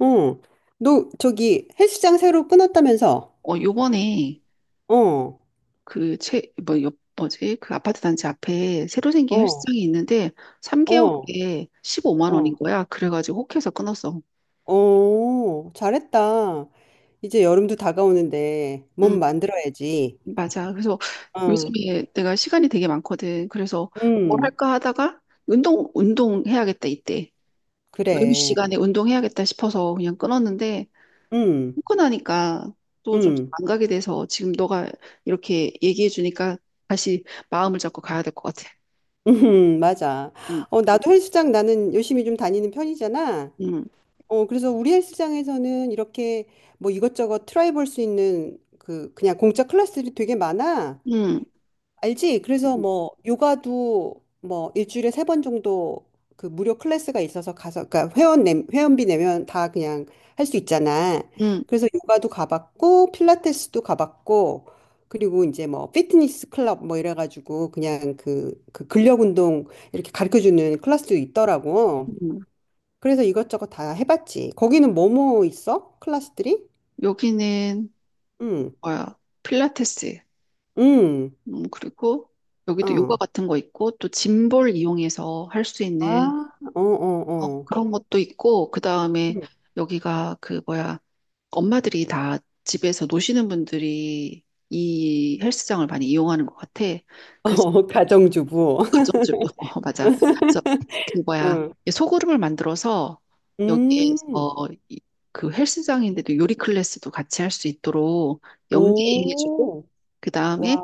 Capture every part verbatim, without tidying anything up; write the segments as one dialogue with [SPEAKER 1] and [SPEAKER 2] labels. [SPEAKER 1] 어, 너 저기 헬스장 새로 끊었다면서?
[SPEAKER 2] 어, 요번에
[SPEAKER 1] 어,
[SPEAKER 2] 그 채, 뭐, 요, 뭐지? 그 아파트 단지 앞에 새로 생긴
[SPEAKER 1] 어,
[SPEAKER 2] 헬스장이 있는데
[SPEAKER 1] 어,
[SPEAKER 2] 삼 개월에 십오만 원인
[SPEAKER 1] 어.
[SPEAKER 2] 거야. 그래가지고 혹해서 끊었어.
[SPEAKER 1] 어, 잘했다. 이제 여름도 다가오는데 몸
[SPEAKER 2] 음,
[SPEAKER 1] 만들어야지.
[SPEAKER 2] 맞아. 그래서
[SPEAKER 1] 어.
[SPEAKER 2] 요즘에 내가 시간이 되게 많거든. 그래서 뭘
[SPEAKER 1] 음,
[SPEAKER 2] 할까 하다가 운동, 운동해야겠다 이때. 여유
[SPEAKER 1] 그래.
[SPEAKER 2] 시간에 운동해야겠다 싶어서 그냥 끊었는데
[SPEAKER 1] 음,
[SPEAKER 2] 끊고 나니까 또 좀
[SPEAKER 1] 음,
[SPEAKER 2] 안 가게 돼서 지금 너가 이렇게 얘기해 주니까 다시 마음을 잡고 가야 될 것 같아.
[SPEAKER 1] 음, 맞아.
[SPEAKER 2] 음,
[SPEAKER 1] 어, 나도 헬스장 나는 열심히 좀 다니는 편이잖아.
[SPEAKER 2] 음,
[SPEAKER 1] 어, 그래서 우리 헬스장에서는 이렇게 뭐 이것저것 트라이 볼 수 있는 그 그냥 공짜 클래스들이 되게 많아.
[SPEAKER 2] 음.
[SPEAKER 1] 알지? 그래서
[SPEAKER 2] 음.
[SPEAKER 1] 뭐 요가도 뭐 일주일에 세 번 정도 그 무료 클래스가 있어서 가서 그러니까 회원 내, 회원비 내면 다 그냥 할 수 있잖아.
[SPEAKER 2] 음,
[SPEAKER 1] 그래서 요가도 가봤고 필라테스도 가봤고, 그리고 이제 뭐 피트니스 클럽 뭐 이래가지고 그냥 그, 그 근력 운동 이렇게 가르쳐주는 클래스도 있더라고.
[SPEAKER 2] 음.
[SPEAKER 1] 그래서 이것저것 다 해봤지. 거기는 뭐뭐 있어? 클래스들이?
[SPEAKER 2] 여기는
[SPEAKER 1] 응,
[SPEAKER 2] 뭐야? 필라테스.
[SPEAKER 1] 응,
[SPEAKER 2] 음, 그리고 여기도 요가
[SPEAKER 1] 어.
[SPEAKER 2] 같은 거 있고 또 짐볼 이용해서 할 수
[SPEAKER 1] 아,
[SPEAKER 2] 있는
[SPEAKER 1] 어,
[SPEAKER 2] 어,
[SPEAKER 1] 어, 어.
[SPEAKER 2] 그런 것도 있고 그다음에 여기가 그 뭐야? 엄마들이 다 집에서 노시는 분들이 이 헬스장을 많이 이용하는 것 같아. 그래서
[SPEAKER 1] 어, 가정주부.
[SPEAKER 2] 어, 가정주부. 어, 맞아. 그래서 그 뭐야
[SPEAKER 1] 응.
[SPEAKER 2] 이 소그룹을 만들어서
[SPEAKER 1] 음.
[SPEAKER 2] 여기에서 이- 그 헬스장인데도 요리 클래스도 같이 할 수 있도록 연계해주고
[SPEAKER 1] 오.
[SPEAKER 2] 그
[SPEAKER 1] 와.
[SPEAKER 2] 다음에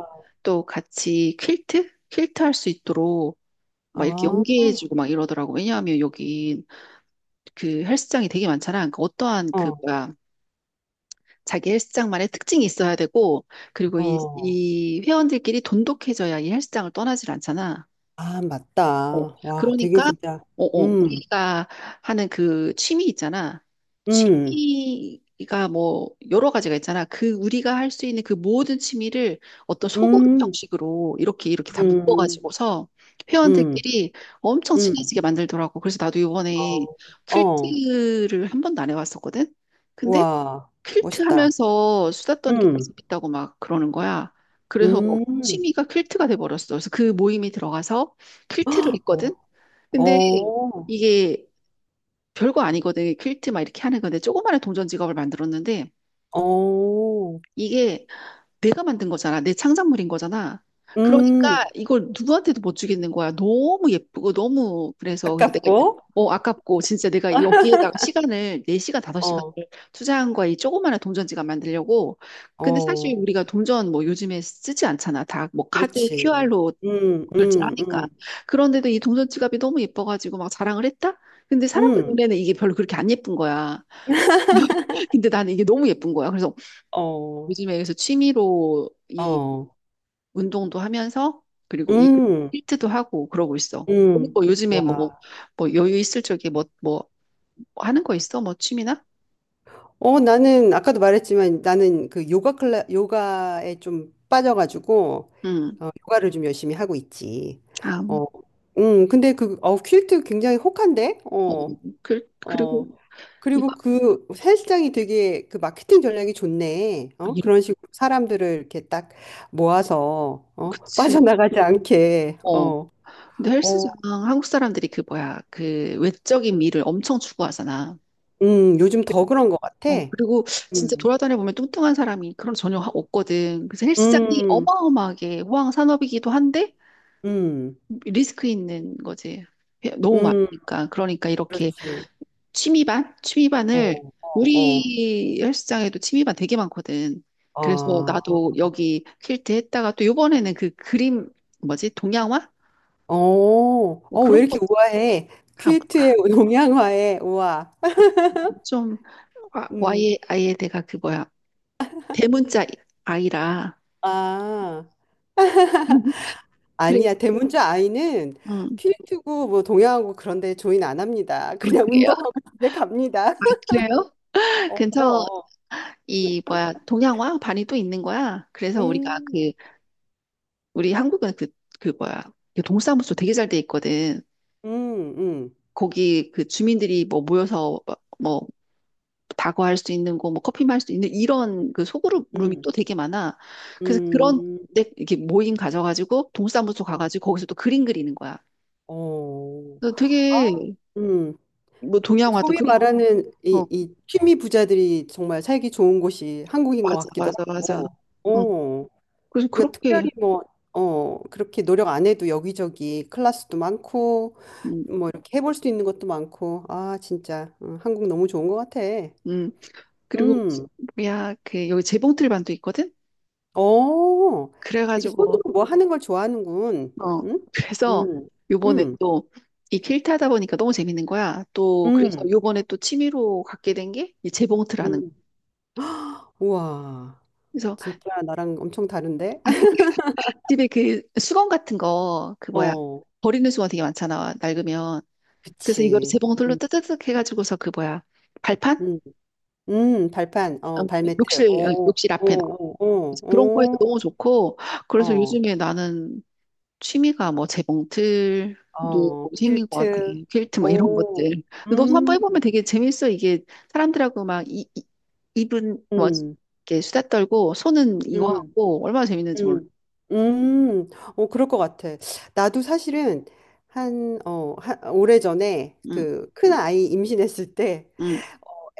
[SPEAKER 2] 또 같이 퀼트 퀼트 할 수 있도록 막 이렇게
[SPEAKER 1] 아.
[SPEAKER 2] 연계해주고 막 이러더라고. 왜냐하면 여기 그 헬스장이 되게 많잖아. 그러니까 어떠한 그
[SPEAKER 1] 어.
[SPEAKER 2] 뭐야 자기 헬스장만의 특징이 있어야 되고 그리고 이,
[SPEAKER 1] 어.
[SPEAKER 2] 이 회원들끼리 돈독해져야 이 헬스장을 떠나질 않잖아.
[SPEAKER 1] 아,
[SPEAKER 2] 어,
[SPEAKER 1] 맞다. 와, 되게
[SPEAKER 2] 그러니까,
[SPEAKER 1] 진짜.
[SPEAKER 2] 어, 어,
[SPEAKER 1] 음.
[SPEAKER 2] 우리가 하는 그 취미 있잖아.
[SPEAKER 1] 음.
[SPEAKER 2] 취미가 뭐, 여러 가지가 있잖아. 그, 우리가 할 수 있는 그 모든 취미를 어떤 소그룹
[SPEAKER 1] 음.
[SPEAKER 2] 형식으로 이렇게, 이렇게 다
[SPEAKER 1] 음.
[SPEAKER 2] 묶어가지고서
[SPEAKER 1] 음.
[SPEAKER 2] 회원들끼리 엄청
[SPEAKER 1] 음.
[SPEAKER 2] 친해지게 만들더라고. 그래서 나도 이번에
[SPEAKER 1] 어. 어.
[SPEAKER 2] 퀼트를 한 번도 안 해봤었거든? 근데
[SPEAKER 1] 와.
[SPEAKER 2] 퀼트
[SPEAKER 1] 멋있다.
[SPEAKER 2] 하면서 수다 떠는 게 되게
[SPEAKER 1] 음.
[SPEAKER 2] 재밌다고 막 그러는 거야. 그래서
[SPEAKER 1] 음.
[SPEAKER 2] 취미가 퀼트가 돼버렸어. 그래서 그 모임에 들어가서 퀼트를 했거든.
[SPEAKER 1] 어.
[SPEAKER 2] 근데
[SPEAKER 1] 어.
[SPEAKER 2] 이게 별거 아니거든. 퀼트 막 이렇게 하는 건데 조그마한 동전 지갑을 만들었는데
[SPEAKER 1] 어.
[SPEAKER 2] 이게 내가 만든 거잖아. 내 창작물인 거잖아. 그러니까
[SPEAKER 1] 음.
[SPEAKER 2] 이걸 누구한테도 못 주겠는 거야. 너무 예쁘고 너무 그래서 그래서 내가
[SPEAKER 1] 아깝고.
[SPEAKER 2] 어 아깝고 진짜 내가 여기에다가 시간을 네 시간 다섯 시간을
[SPEAKER 1] 어.
[SPEAKER 2] 투자한 거야. 이 조그마한 동전지갑 만들려고. 근데 사실
[SPEAKER 1] 어.
[SPEAKER 2] 우리가 동전 뭐 요즘에 쓰지 않잖아. 다 뭐 카드
[SPEAKER 1] 그렇지.
[SPEAKER 2] 큐알로
[SPEAKER 1] 음. 음.
[SPEAKER 2] 결제하니까.
[SPEAKER 1] 음.
[SPEAKER 2] 그런데도 이 동전지갑이 너무 예뻐가지고 막 자랑을 했다? 근데 사람들
[SPEAKER 1] 음.
[SPEAKER 2] 눈에는 이게 별로 그렇게 안 예쁜 거야. 근데 나는 이게 너무 예쁜 거야. 그래서
[SPEAKER 1] 어,
[SPEAKER 2] 요즘에 그래서 취미로 이
[SPEAKER 1] 어,
[SPEAKER 2] 운동도 하면서 그리고 이
[SPEAKER 1] 음,
[SPEAKER 2] 힐트도 하고 그러고 있어. 너는
[SPEAKER 1] 음.
[SPEAKER 2] 뭐 요즘에 뭐,
[SPEAKER 1] 와,
[SPEAKER 2] 뭐 여유 있을 적에 뭐, 뭐 하는 거 있어? 뭐 취미나?
[SPEAKER 1] 어, 나는 아까도 말했지만 나는 그 요가 클라 요가에 좀 빠져가지고,
[SPEAKER 2] 응.
[SPEAKER 1] 어, 요가를 좀 열심히 하고 있지.
[SPEAKER 2] 아,
[SPEAKER 1] 어, 음, 근데 그 어, 퀼트 굉장히 혹한데,
[SPEAKER 2] 어,
[SPEAKER 1] 어,
[SPEAKER 2] 그, 그리고
[SPEAKER 1] 어. 그리고
[SPEAKER 2] 이거
[SPEAKER 1] 그 헬스장이 되게 그 마케팅 전략이 좋네. 어,
[SPEAKER 2] 이렇
[SPEAKER 1] 그런 식으로 사람들을 이렇게 딱 모아서 어,
[SPEAKER 2] 그치.
[SPEAKER 1] 빠져나가지 않게.
[SPEAKER 2] 어,
[SPEAKER 1] 어,
[SPEAKER 2] 근데
[SPEAKER 1] 어,
[SPEAKER 2] 헬스장 한국 사람들이 그 뭐야 그 외적인 미를 엄청 추구하잖아.
[SPEAKER 1] 음, 요즘 더 그런 것 같아.
[SPEAKER 2] 어, 그리고 진짜
[SPEAKER 1] 음.
[SPEAKER 2] 돌아다녀 보면 뚱뚱한 사람이 그런 거 전혀 하- 없거든. 그래서 헬스장이
[SPEAKER 1] 음,
[SPEAKER 2] 어마어마하게 호황 산업이기도 한데
[SPEAKER 1] 음,
[SPEAKER 2] 리스크 있는 거지. 너무
[SPEAKER 1] 음,
[SPEAKER 2] 많으니까. 그러니까 이렇게
[SPEAKER 1] 그렇지.
[SPEAKER 2] 취미반?
[SPEAKER 1] 어,
[SPEAKER 2] 취미반을
[SPEAKER 1] 어, 어.
[SPEAKER 2] 우리 헬스장에도 취미반 되게 많거든. 그래서
[SPEAKER 1] 아,
[SPEAKER 2] 나도 여기 퀼트 했다가 또 요번에는 그 그림 뭐지? 동양화?
[SPEAKER 1] 어,
[SPEAKER 2] 뭐
[SPEAKER 1] 어, 왜
[SPEAKER 2] 그런
[SPEAKER 1] 이렇게 우아해? 퀼트의 동양화에 우아.
[SPEAKER 2] 것좀
[SPEAKER 1] 음,
[SPEAKER 2] 와이 아예 아예 내가 그 뭐야 대문자 아이라
[SPEAKER 1] 아, 아니야.
[SPEAKER 2] 그래서
[SPEAKER 1] 대문자 아이는
[SPEAKER 2] 음,
[SPEAKER 1] 퀼트고 뭐 동양하고 그런데 조인 안 합니다.
[SPEAKER 2] 아,
[SPEAKER 1] 그냥
[SPEAKER 2] 그래요?
[SPEAKER 1] 운동하고 집에 갑니다.
[SPEAKER 2] 아, 그래요?
[SPEAKER 1] 어,
[SPEAKER 2] 근처
[SPEAKER 1] 그럼.
[SPEAKER 2] 이 뭐야 동양화 반이 또 있는 거야. 그래서 우리가
[SPEAKER 1] 음,
[SPEAKER 2] 그 우리 한국은 그 그 뭐야 그 동사무소 되게 잘 돼 있거든.
[SPEAKER 1] 음, 음,
[SPEAKER 2] 거기 그 주민들이 뭐 모여서 뭐- 뭐 다과할 수 있는 거, 뭐 커피 마실 수 있는 이런 그 소그룹 룸이
[SPEAKER 1] 음,
[SPEAKER 2] 또 되게 많아. 그래서 그런
[SPEAKER 1] 음,
[SPEAKER 2] 데 이렇게 모임 가져가지고 동사무소
[SPEAKER 1] 어,
[SPEAKER 2] 가가지고 거기서 또 그림 그리는 거야.
[SPEAKER 1] 어.
[SPEAKER 2] 그래서
[SPEAKER 1] 아,
[SPEAKER 2] 되게
[SPEAKER 1] 음,
[SPEAKER 2] 뭐
[SPEAKER 1] 그
[SPEAKER 2] 동양화도
[SPEAKER 1] 소위
[SPEAKER 2] 그리고
[SPEAKER 1] 말하는
[SPEAKER 2] 어
[SPEAKER 1] 이, 이 취미 부자들이 정말 살기 좋은 곳이 한국인 것
[SPEAKER 2] 맞아
[SPEAKER 1] 같기도
[SPEAKER 2] 맞아 맞아.
[SPEAKER 1] 하고,
[SPEAKER 2] 응.
[SPEAKER 1] 어,
[SPEAKER 2] 그래서
[SPEAKER 1] 그러니까
[SPEAKER 2] 그렇게
[SPEAKER 1] 특별히 뭐, 어, 그렇게 노력 안 해도 여기저기 클래스도 많고,
[SPEAKER 2] 음,
[SPEAKER 1] 뭐 이렇게 해볼 수 있는 것도 많고, 아, 진짜, 어, 한국 너무 좋은 것 같아.
[SPEAKER 2] 음. 그리고
[SPEAKER 1] 음,
[SPEAKER 2] 뭐야 그 여기 재봉틀반도 있거든.
[SPEAKER 1] 어, 이렇게
[SPEAKER 2] 그래가지고
[SPEAKER 1] 손으로 뭐 하는 걸 좋아하는군.
[SPEAKER 2] 어,
[SPEAKER 1] 응?
[SPEAKER 2] 그래서
[SPEAKER 1] 음,
[SPEAKER 2] 요번에
[SPEAKER 1] 음,
[SPEAKER 2] 또 이 퀼트 하다 보니까 너무 재밌는 거야. 또 그래서
[SPEAKER 1] 음,
[SPEAKER 2] 요번에 또 취미로 갖게 된 게 이 재봉틀하는 거.
[SPEAKER 1] 음. 우와,
[SPEAKER 2] 그래서
[SPEAKER 1] 진짜 나랑 엄청 다른데?
[SPEAKER 2] 아, 그 집에 그 수건 같은 거 그 뭐야
[SPEAKER 1] 어,
[SPEAKER 2] 버리는 수건 되게 많잖아 낡으면. 그래서 이거를
[SPEAKER 1] 그치.
[SPEAKER 2] 재봉틀로
[SPEAKER 1] 음,
[SPEAKER 2] 뜨뜨득 해가지고서 그 뭐야 발판?
[SPEAKER 1] 음. 음, 발판,
[SPEAKER 2] 어,
[SPEAKER 1] 어, 발매트.
[SPEAKER 2] 욕실 어,
[SPEAKER 1] 오,
[SPEAKER 2] 욕실
[SPEAKER 1] 오,
[SPEAKER 2] 앞에 나와.
[SPEAKER 1] 오,
[SPEAKER 2] 그래서 그런 거에도 너무
[SPEAKER 1] 오,
[SPEAKER 2] 좋고
[SPEAKER 1] 오,
[SPEAKER 2] 그래서
[SPEAKER 1] 어,
[SPEAKER 2] 요즘에 나는 취미가 뭐 재봉틀도
[SPEAKER 1] 어,
[SPEAKER 2] 생긴 것 같아.
[SPEAKER 1] 퀼트.
[SPEAKER 2] 퀼트 막 이런 것들.
[SPEAKER 1] 오,
[SPEAKER 2] 근데 너도 한번
[SPEAKER 1] 음,
[SPEAKER 2] 해보면 되게 재밌어. 이게 사람들하고 막 이, 이, 입은 뭐
[SPEAKER 1] 음,
[SPEAKER 2] 이렇게 수다 떨고 손은 이거
[SPEAKER 1] 음,
[SPEAKER 2] 하고 얼마나 재밌는지 몰라.
[SPEAKER 1] 음, 음, 오, 그럴 것 같아. 나도 사실은 한, 어, 한, 오래전에
[SPEAKER 2] 응,
[SPEAKER 1] 그 큰 아이 임신했을 때,
[SPEAKER 2] 응,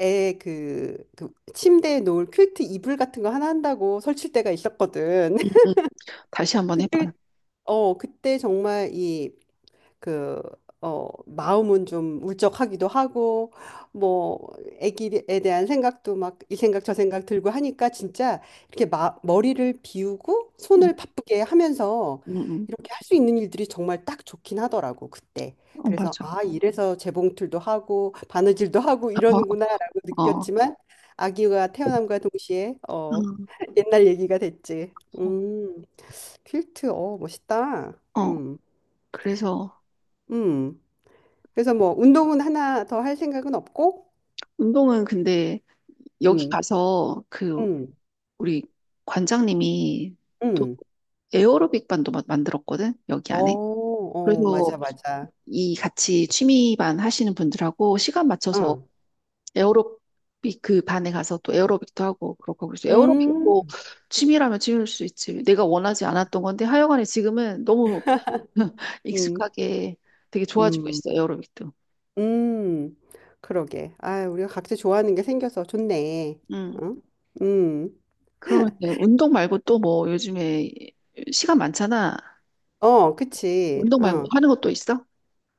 [SPEAKER 1] 애 그, 그 침대에 놓을 퀼트 이불 같은 거 하나 한다고 설칠 때가 있었거든.
[SPEAKER 2] 응, 응. 다시 한번 해봐.
[SPEAKER 1] 그때, 어, 그때 정말 이 그, 어, 마음은 좀 울적하기도 하고, 뭐, 애기에 대한 생각도 막 이 생각 저 생각 들고 하니까 진짜 이렇게 마, 머리를 비우고
[SPEAKER 2] 응,
[SPEAKER 1] 손을 바쁘게 하면서
[SPEAKER 2] 응, 응.
[SPEAKER 1] 이렇게 할 수 있는 일들이 정말 딱 좋긴 하더라고, 그때.
[SPEAKER 2] 어,
[SPEAKER 1] 그래서,
[SPEAKER 2] 맞아.
[SPEAKER 1] 아, 이래서 재봉틀도 하고, 바느질도 하고 이러는구나라고
[SPEAKER 2] 어, 어,
[SPEAKER 1] 느꼈지만, 아기가 태어남과 동시에, 어,
[SPEAKER 2] 응.
[SPEAKER 1] 옛날 얘기가 됐지. 음, 퀼트, 어, 멋있다.
[SPEAKER 2] 어. 어.
[SPEAKER 1] 음,
[SPEAKER 2] 그래서
[SPEAKER 1] 음. 그래서 뭐 운동은 하나 더 할 생각은 없고,
[SPEAKER 2] 운동은 근데 여기
[SPEAKER 1] 음,
[SPEAKER 2] 가서 그
[SPEAKER 1] 음,
[SPEAKER 2] 우리 관장님이 또
[SPEAKER 1] 음.
[SPEAKER 2] 에어로빅 반도 마- 만들었거든 여기
[SPEAKER 1] 어,
[SPEAKER 2] 안에.
[SPEAKER 1] 어,
[SPEAKER 2] 그래서
[SPEAKER 1] 맞아, 맞아.
[SPEAKER 2] 이 같이 취미반 하시는 분들하고 시간 맞춰서
[SPEAKER 1] 응,
[SPEAKER 2] 에어로빅 그 반에 가서 또 에어로빅도 하고 그렇게 하고 있어요.
[SPEAKER 1] 음,
[SPEAKER 2] 에어로빅도 취미라면 취미일 수 있지. 내가 원하지 않았던 건데 하여간에 지금은 너무
[SPEAKER 1] 음,
[SPEAKER 2] 익숙하게 되게 좋아지고
[SPEAKER 1] 음,
[SPEAKER 2] 있어, 에어로빅도.
[SPEAKER 1] 음. 그러게. 아, 우리가 각자 좋아하는 게 생겨서 좋네.
[SPEAKER 2] 음.
[SPEAKER 1] 응, 음,
[SPEAKER 2] 그러면 운동 말고 또 뭐 요즘에 시간 많잖아.
[SPEAKER 1] 어, 그치.
[SPEAKER 2] 운동 말고 뭐
[SPEAKER 1] 어,
[SPEAKER 2] 하는 것도 있어?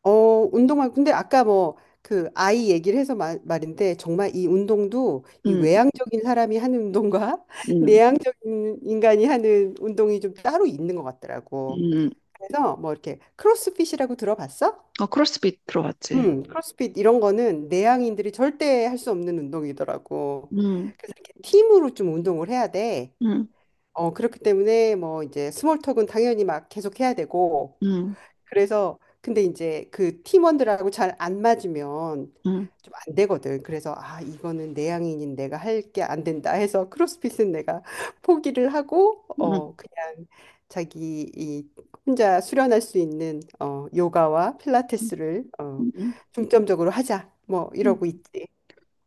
[SPEAKER 1] 어, 운동할. 근데 아까 뭐 그 아이 얘기를 해서 말, 말인데 정말 이 운동도 이
[SPEAKER 2] 응,
[SPEAKER 1] 외향적인 사람이 하는 운동과
[SPEAKER 2] 응,
[SPEAKER 1] 내향적인 인간이 하는 운동이 좀 따로 있는 것 같더라고.
[SPEAKER 2] 응.
[SPEAKER 1] 그래서 뭐 이렇게 크로스핏이라고 들어봤어?
[SPEAKER 2] 어, 크로스핏
[SPEAKER 1] 음,
[SPEAKER 2] 들어봤지.
[SPEAKER 1] 음. 크로스핏 이런 거는 내향인들이 절대 할 수 없는 운동이더라고.
[SPEAKER 2] 응,
[SPEAKER 1] 그래서 이렇게 팀으로 좀 운동을 해야 돼.
[SPEAKER 2] 응,
[SPEAKER 1] 어, 그렇기 때문에 뭐 이제 스몰 톡은 당연히 막 계속 해야 되고,
[SPEAKER 2] 응,
[SPEAKER 1] 그래서 근데 이제 그 팀원들하고 잘 안 맞으면
[SPEAKER 2] 응,
[SPEAKER 1] 좀 안 되거든. 그래서 아, 이거는 내향인인 내가 할 게 안 된다 해서 크로스핏은 내가 포기를 하고
[SPEAKER 2] 응.
[SPEAKER 1] 어 그냥 자기 이 혼자 수련할 수 있는 어 요가와 필라테스를 어
[SPEAKER 2] 응,
[SPEAKER 1] 중점적으로 하자. 뭐
[SPEAKER 2] 음.
[SPEAKER 1] 이러고 있지.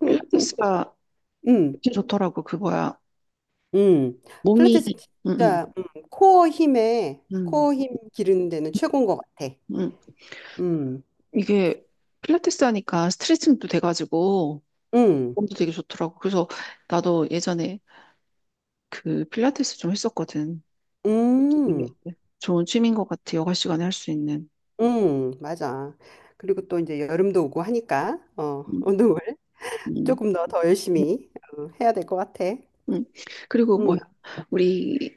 [SPEAKER 1] 응.
[SPEAKER 2] 필라테스가
[SPEAKER 1] 음.
[SPEAKER 2] 진짜 좋더라고, 그 뭐야.
[SPEAKER 1] 음.
[SPEAKER 2] 몸이,
[SPEAKER 1] 필라테스
[SPEAKER 2] 음, 음,
[SPEAKER 1] 진짜 음, 코어 힘에
[SPEAKER 2] 음,
[SPEAKER 1] 코어 힘 기르는 데는 최고인 것 같아.
[SPEAKER 2] 음.
[SPEAKER 1] 음.
[SPEAKER 2] 이게 필라테스 하니까 스트레칭도 돼가지고
[SPEAKER 1] 음.
[SPEAKER 2] 몸도 되게 좋더라고. 그래서 나도 예전에 그 필라테스 좀 했었거든. 그것도 되게
[SPEAKER 1] 음.
[SPEAKER 2] 좋은 취미인 것 같아, 여가 시간에 할 수 있는.
[SPEAKER 1] 음, 맞아. 그리고 또 이제 여름도 오고 하니까 어,
[SPEAKER 2] 음,
[SPEAKER 1] 운동을
[SPEAKER 2] 음,
[SPEAKER 1] 조금 더 더
[SPEAKER 2] 음,
[SPEAKER 1] 열심히 어, 해야 될 것 같아.
[SPEAKER 2] 음. 그리고 뭐야,
[SPEAKER 1] 음.
[SPEAKER 2] 우리,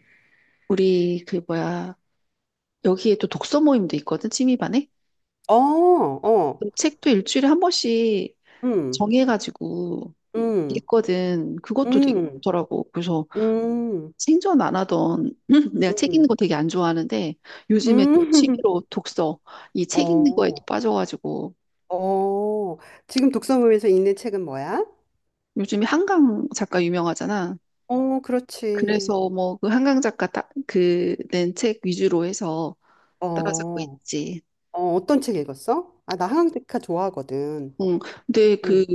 [SPEAKER 2] 우리 그 뭐야, 여기에 또 독서 모임도 있거든, 취미반에.
[SPEAKER 1] 어, 어.
[SPEAKER 2] 책도 일주일에 한 번씩
[SPEAKER 1] 음.
[SPEAKER 2] 정해가지고
[SPEAKER 1] 음.
[SPEAKER 2] 있거든. 그것도 되게
[SPEAKER 1] 음.
[SPEAKER 2] 좋더라고. 그래서
[SPEAKER 1] 음.
[SPEAKER 2] 생전 안 하던 내가
[SPEAKER 1] 음.
[SPEAKER 2] 책
[SPEAKER 1] 음.
[SPEAKER 2] 읽는 거 되게 안 좋아하는데 요즘에 또 취미로 독서 이 책 읽는 거에 또
[SPEAKER 1] 어.
[SPEAKER 2] 빠져가지고
[SPEAKER 1] 어. 지금 독서모임에서 읽는 책은 뭐야?
[SPEAKER 2] 요즘에 한강 작가 유명하잖아.
[SPEAKER 1] 어, 그렇지.
[SPEAKER 2] 그래서 뭐 그 한강 작가 그낸 책 위주로 해서 따라잡고
[SPEAKER 1] 어.
[SPEAKER 2] 있지.
[SPEAKER 1] 어, 어떤 책 읽었어? 아, 나 한강리카 좋아하거든.
[SPEAKER 2] 응. 근데
[SPEAKER 1] 응.
[SPEAKER 2] 그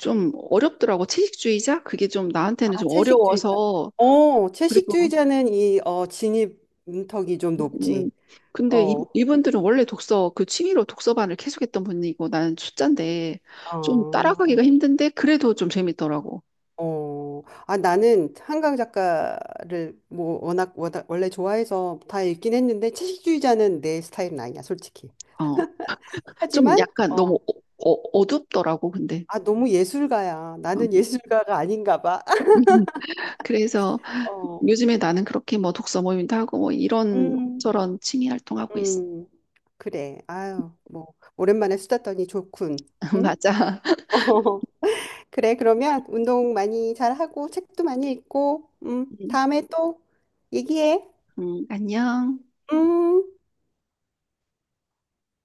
[SPEAKER 2] 좀 어렵더라고. 채식주의자? 그게 좀 나한테는
[SPEAKER 1] 아,
[SPEAKER 2] 좀
[SPEAKER 1] 채식주의자.
[SPEAKER 2] 어려워서
[SPEAKER 1] 어,
[SPEAKER 2] 그리고
[SPEAKER 1] 채식주의자는 이 어, 진입 문턱이 좀
[SPEAKER 2] 음, 음.
[SPEAKER 1] 높지.
[SPEAKER 2] 근데 이,
[SPEAKER 1] 어,
[SPEAKER 2] 이분들은 원래 독서, 그 취미로 독서반을 계속했던 분이고 나는 초짜인데 좀
[SPEAKER 1] 어,
[SPEAKER 2] 따라가기가 힘든데 그래도 좀 재밌더라고.
[SPEAKER 1] 어. 아, 나는 한강 작가를 뭐 워낙, 워낙 원래 좋아해서 다 읽긴 했는데 채식주의자는 내 스타일은 아니야, 솔직히.
[SPEAKER 2] 어, 좀
[SPEAKER 1] 하지만
[SPEAKER 2] 약간 너무
[SPEAKER 1] 어,
[SPEAKER 2] 어, 어, 어둡더라고, 근데.
[SPEAKER 1] 아, 너무 예술가야.
[SPEAKER 2] 음,
[SPEAKER 1] 나는 예술가가 아닌가 봐.
[SPEAKER 2] 그래서
[SPEAKER 1] 어,
[SPEAKER 2] 요즘에 나는 그렇게 뭐 독서 모임도 하고 뭐 이런
[SPEAKER 1] 음,
[SPEAKER 2] 저런 취미 활동하고 있어.
[SPEAKER 1] 음. 그래. 아유, 뭐 오랜만에 수다 떠니 좋군. 응?
[SPEAKER 2] 맞아.
[SPEAKER 1] 그래, 그러면 운동 많이 잘하고 책도 많이 읽고, 음,
[SPEAKER 2] 음,
[SPEAKER 1] 다음에 또 얘기해.
[SPEAKER 2] 음, 안녕.
[SPEAKER 1] 음.